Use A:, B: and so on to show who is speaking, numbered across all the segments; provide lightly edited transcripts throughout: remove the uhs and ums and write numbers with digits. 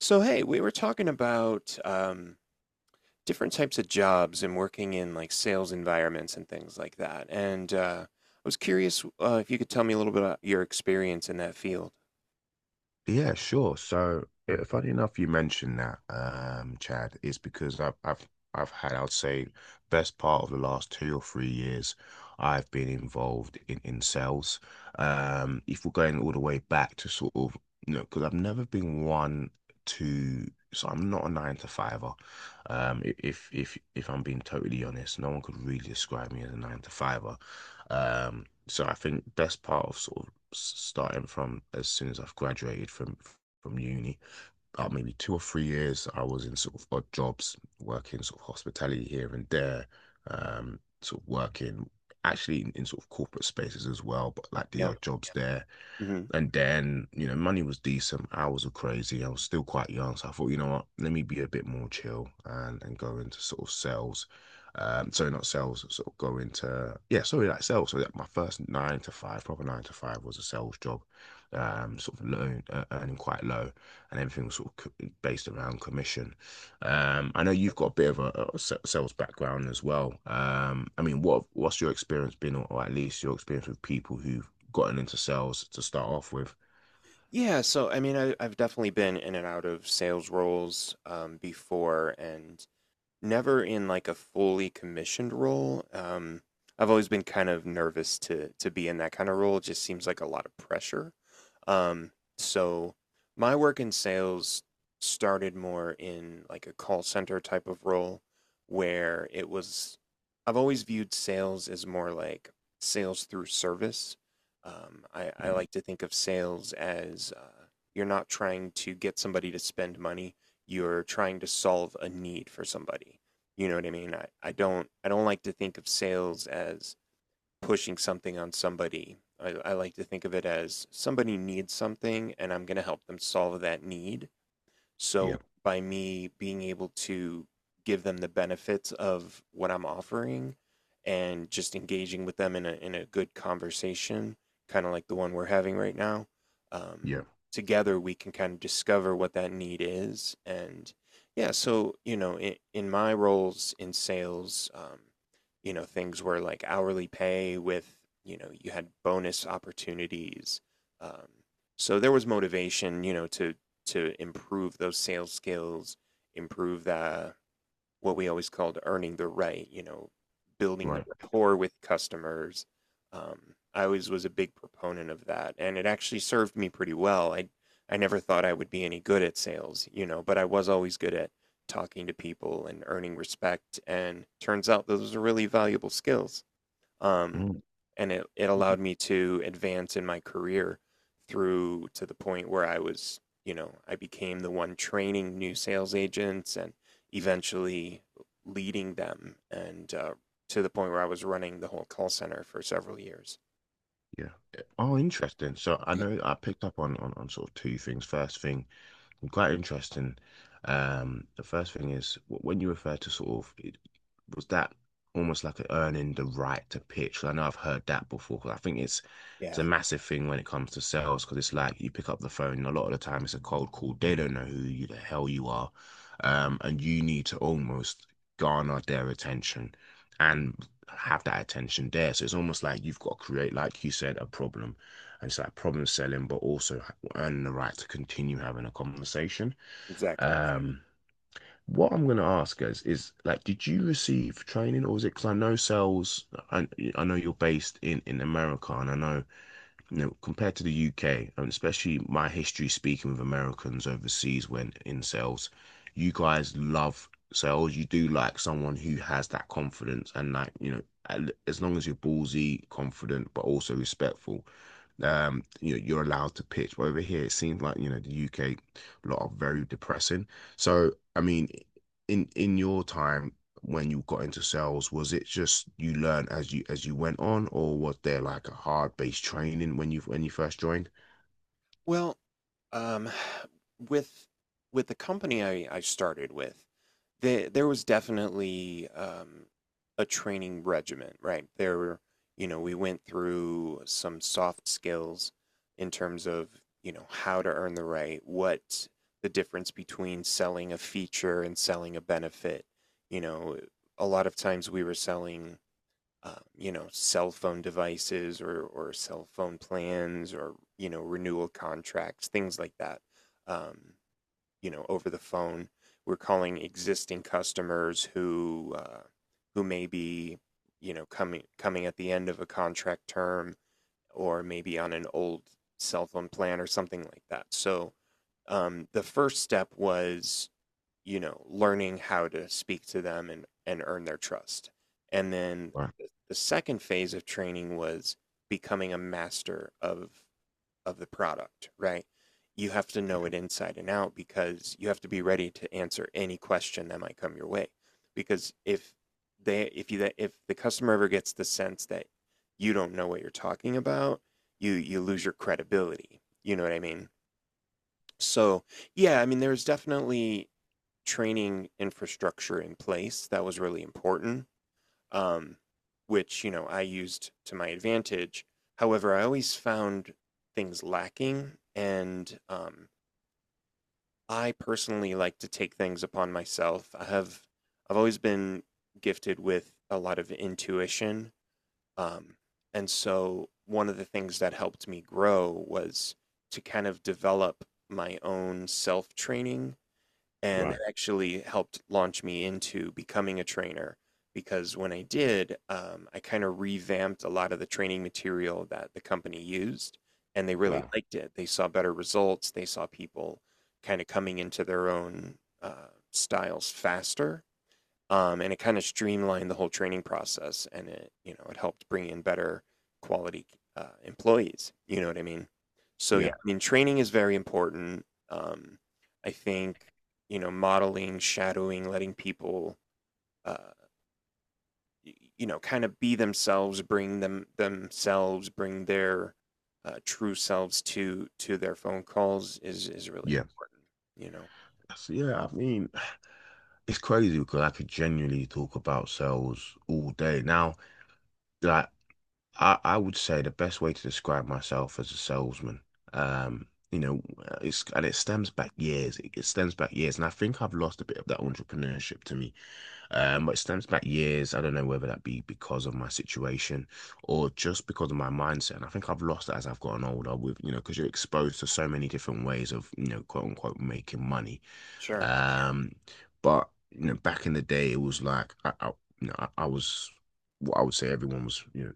A: So, hey, we were talking about different types of jobs and working in like sales environments and things like that. And I was curious if you could tell me a little bit about your experience in that field.
B: Yeah, sure. So, funny enough, you mentioned that, Chad, is because I've had, I'd say, best part of the last 2 or 3 years, I've been involved in sales. If we're going all the way back to sort of, you know, because I've never been one to, so I'm not a nine to fiver. If I'm being totally honest, no one could really describe me as a nine to fiver. Um, so I think best part of sort of starting from as soon as I've graduated from uni, about maybe 2 or 3 years, I was in sort of odd jobs, working sort of hospitality here and there, sort of working actually in sort of corporate spaces as well, but like the
A: Yeah.
B: odd jobs there.
A: Hmm.
B: And then, you know, money was decent. Hours were crazy. I was still quite young. So I thought, you know what, let me be a bit more chill and go into sort of sales. Sorry, not sales, sort of go into, yeah, sorry, like sales. So that my first nine to five, proper nine to five was a sales job, sort of low, earning quite low. And everything was sort of based around commission. I know you've got a bit of a, a sales background as well. I mean, what's your experience been, or at least your experience with people who've gotten into sales to start off with.
A: Yeah. So, I mean, I've definitely been in and out of sales roles before and never in like a fully commissioned role. I've always been kind of nervous to be in that kind of role. It just seems like a lot of pressure. Um, so my work in sales started more in like a call center type of role where it was, I've always viewed sales as more like sales through service. I
B: Mm.
A: like to think of sales as you're not trying to get somebody to spend money, you're trying to solve a need for somebody. You know what I mean? I don't like to think of sales as pushing something on somebody. I like to think of it as somebody needs something, and I'm going to help them solve that need. So
B: Yeah,
A: by me being able to give them the benefits of what I'm offering and just engaging with them in a good conversation, kind of like the one we're having right now, um,
B: yeah,
A: together we can kind of discover what that need is. And yeah, so you know, in my roles in sales, you know, things were like hourly pay with, you know, you had bonus opportunities. Um, so there was motivation, you know, to improve those sales skills, improve the what we always called earning the right, you know, building the
B: right.
A: rapport with customers. I always was a big proponent of that, and it actually served me pretty well. I never thought I would be any good at sales, you know, but I was always good at talking to people and earning respect. And turns out those are really valuable skills um,
B: Mm.
A: and it allowed me to advance in my career through to the point where I was, you know, I became the one training new sales agents and eventually leading them, and to the point where I was running the whole call center for several years.
B: Yeah. Oh, interesting. So I
A: Yeah.
B: know I picked up on sort of two things. First thing, quite interesting. The first thing is when you refer to sort of it, was that almost like a earning the right to pitch? 'Cause I know I've heard that before. 'Cause I think it's a
A: Yeah,
B: massive thing when it comes to sales because it's like you pick up the phone and a lot of the time it's a cold call. They don't know who you, the hell you are, and you need to almost garner their attention and have that attention there. So it's almost like you've got to create, like you said, a problem. And it's like problem selling, but also and the right to continue having a conversation.
A: exactly.
B: Um, what I'm going to ask is like, did you receive training, or was it? Because I know sales, I, I know you're based in America, and I know, you know, compared to the UK, and especially my history speaking with Americans overseas when in sales, you guys love sales. You do like someone who has that confidence and like, you know, as long as you're ballsy, confident, but also respectful. You know, you're allowed to pitch. But over here, it seems like, you know, the UK, a lot of very depressing. So, I mean, in your time when you got into sales, was it just you learned as you went on, or was there like a hard-based training when you first joined?
A: Well, um, with with the company I started with, there was definitely a training regimen, right? There were, you know, we went through some soft skills in terms of, you know, how to earn the right, what the difference between selling a feature and selling a benefit. You know, a lot of times we were selling you know, cell phone devices or cell phone plans or, you know, renewal contracts, things like that, um, you know, over the phone. We're calling existing customers who may be, you know, coming at the end of a contract term or maybe on an old cell phone plan or something like that. So the first step was, you know, learning how to speak to them and earn their trust. And then
B: Right.
A: the second phase of training was becoming a master of the product, right? You have to know it inside and out because you have to be ready to answer any question that might come your way. Because if they if you if the customer ever gets the sense that you don't know what you're talking about, you lose your credibility. You know what I mean? So, yeah, I mean there's definitely training infrastructure in place that was really important um, which you know I used to my advantage. However, I always found things lacking, and I personally like to take things upon myself. I have I've always been gifted with a lot of intuition, um, and so one of the things that helped me grow was to kind of develop my own self training, and
B: Right.
A: that actually helped launch me into becoming a trainer because when I did, I kind of revamped a lot of the training material that the company used, and they really
B: Wow.
A: liked it. They saw better results. They saw people kind of coming into their own styles faster, and it kind of streamlined the whole training process, and it, you know, it helped bring in better quality employees, you know what I mean? So yeah,
B: Yeah.
A: I mean training is very important. I think, you know, modeling, shadowing, letting people uh, you know, kind of be themselves, bring them themselves, bring their true selves to their phone calls is really
B: Yeah.
A: important, you know.
B: So, yeah, I mean, it's crazy because I could genuinely talk about sales all day. Now, like I would say the best way to describe myself as a salesman, you know, it's and it stems back years. It stems back years, and I think I've lost a bit of that entrepreneurship to me. But it stems back years. I don't know whether that be because of my situation or just because of my mindset. And I think I've lost that as I've gotten older. With you know, because you're exposed to so many different ways of you know, quote unquote, making money.
A: Sure.
B: Um, but you know, back in the day, it was like I you know, I was what I would say everyone was, you know,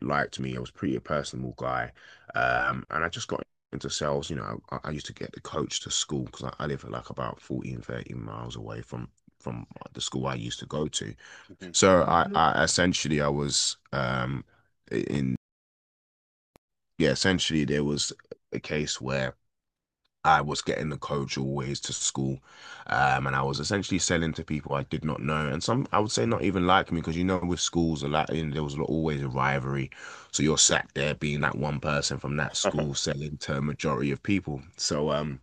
B: liked me. I was pretty a personable guy, and I just got into sales. You know, I used to get the coach to school because I live like about 14, 13 miles away from the school I used to go to.
A: Mhm.
B: So I, mhm. I essentially I was in yeah, essentially there was a case where. I was getting the coach always to school, and I was essentially selling to people I did not know, and some I would say not even like me because you know with schools a lot you know there was always a rivalry, so you're sat there being that one person from that school selling to a majority of people. So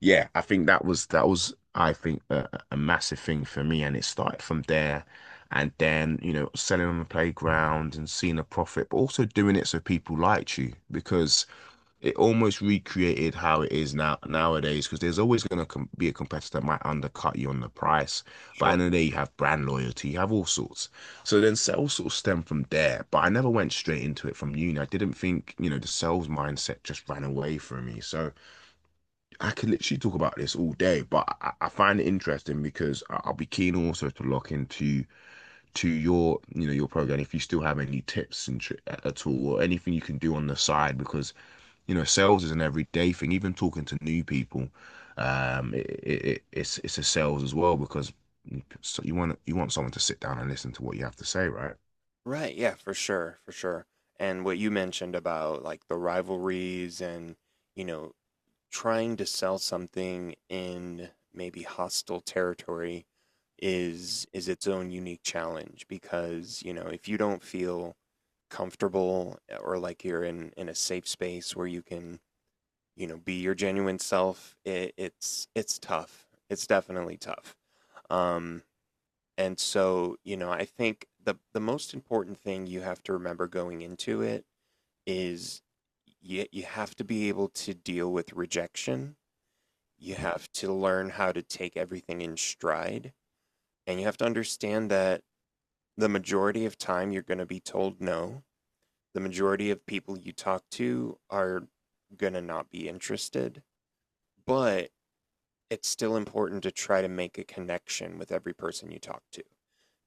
B: yeah, I think that was I think a, a massive thing for me, and it started from there, and then you know selling on the playground and seeing a profit, but also doing it so people liked you because it almost recreated how it is now nowadays because there's always going to com be a competitor that might undercut you on the price. But at
A: Sure.
B: the end you have brand loyalty, you have all sorts. So then sales sort of stemmed from there. But I never went straight into it from uni. I didn't think, you know, the sales mindset just ran away from me. So I could literally talk about this all day, but I find it interesting because I'll be keen also to lock into to your, you know, your program if you still have any tips and tr at all or anything you can do on the side because you know, sales is an everyday thing. Even talking to new people, it's it's a sales as well because so you want someone to sit down and listen to what you have to say, right?
A: Right, yeah, for sure, for sure. And what you mentioned about like the rivalries and, you know, trying to sell something in maybe hostile territory is its own unique challenge because, you know, if you don't feel comfortable or like you're in a safe space where you can, you know, be your genuine self, it's tough. It's definitely tough. Um and so, you know, I think the most important thing you have to remember going into it is you have to be able to deal with rejection. You
B: Mm.
A: have to learn how to take everything in stride. And you have to understand that the majority of time you're going to be told no. The majority of people you talk to are going to not be interested. But it's still important to try to make a connection with every person you talk to.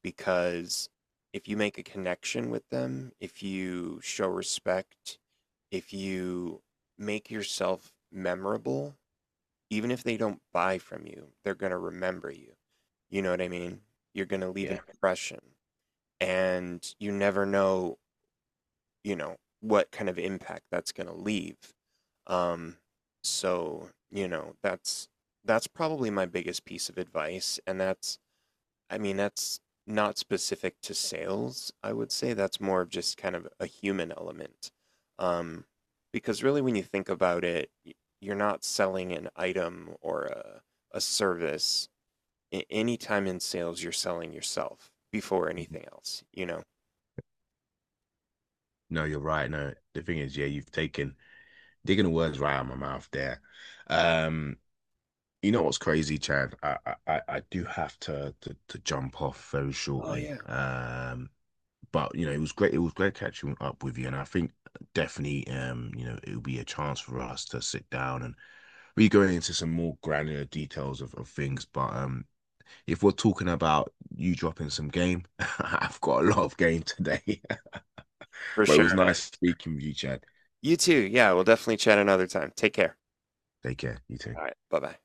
A: Because if you make a connection with them, if you show respect, if you make yourself memorable, even if they don't buy from you, they're going to remember you. You know what I mean? You're going to leave an
B: Yeah.
A: impression, and you never know, you know, what kind of impact that's going to leave. Um so, you know, that's probably my biggest piece of advice, and that's I mean, that's not specific to sales, I would say. That's more of just kind of a human element. Um, because really, when you think about it, you're not selling an item or a service. Anytime in sales, you're selling yourself before anything else, you know?
B: No, you're right. No, the thing is, yeah, you've taken digging the words right out of my mouth there. Um, you know what's crazy, Chad? I do have to, to jump off very
A: Oh,
B: shortly.
A: yeah.
B: But you know, it was great. It was great catching up with you, and I think definitely, you know, it'll be a chance for us to sit down and be going into some more granular details of things, but if we're talking about you dropping some game, I've got a lot of game today.
A: For
B: But it
A: sure,
B: was
A: man.
B: nice speaking with you, Chad.
A: You too. Yeah, we'll definitely chat another time. Take care.
B: Take care. You too.
A: All right. Bye bye.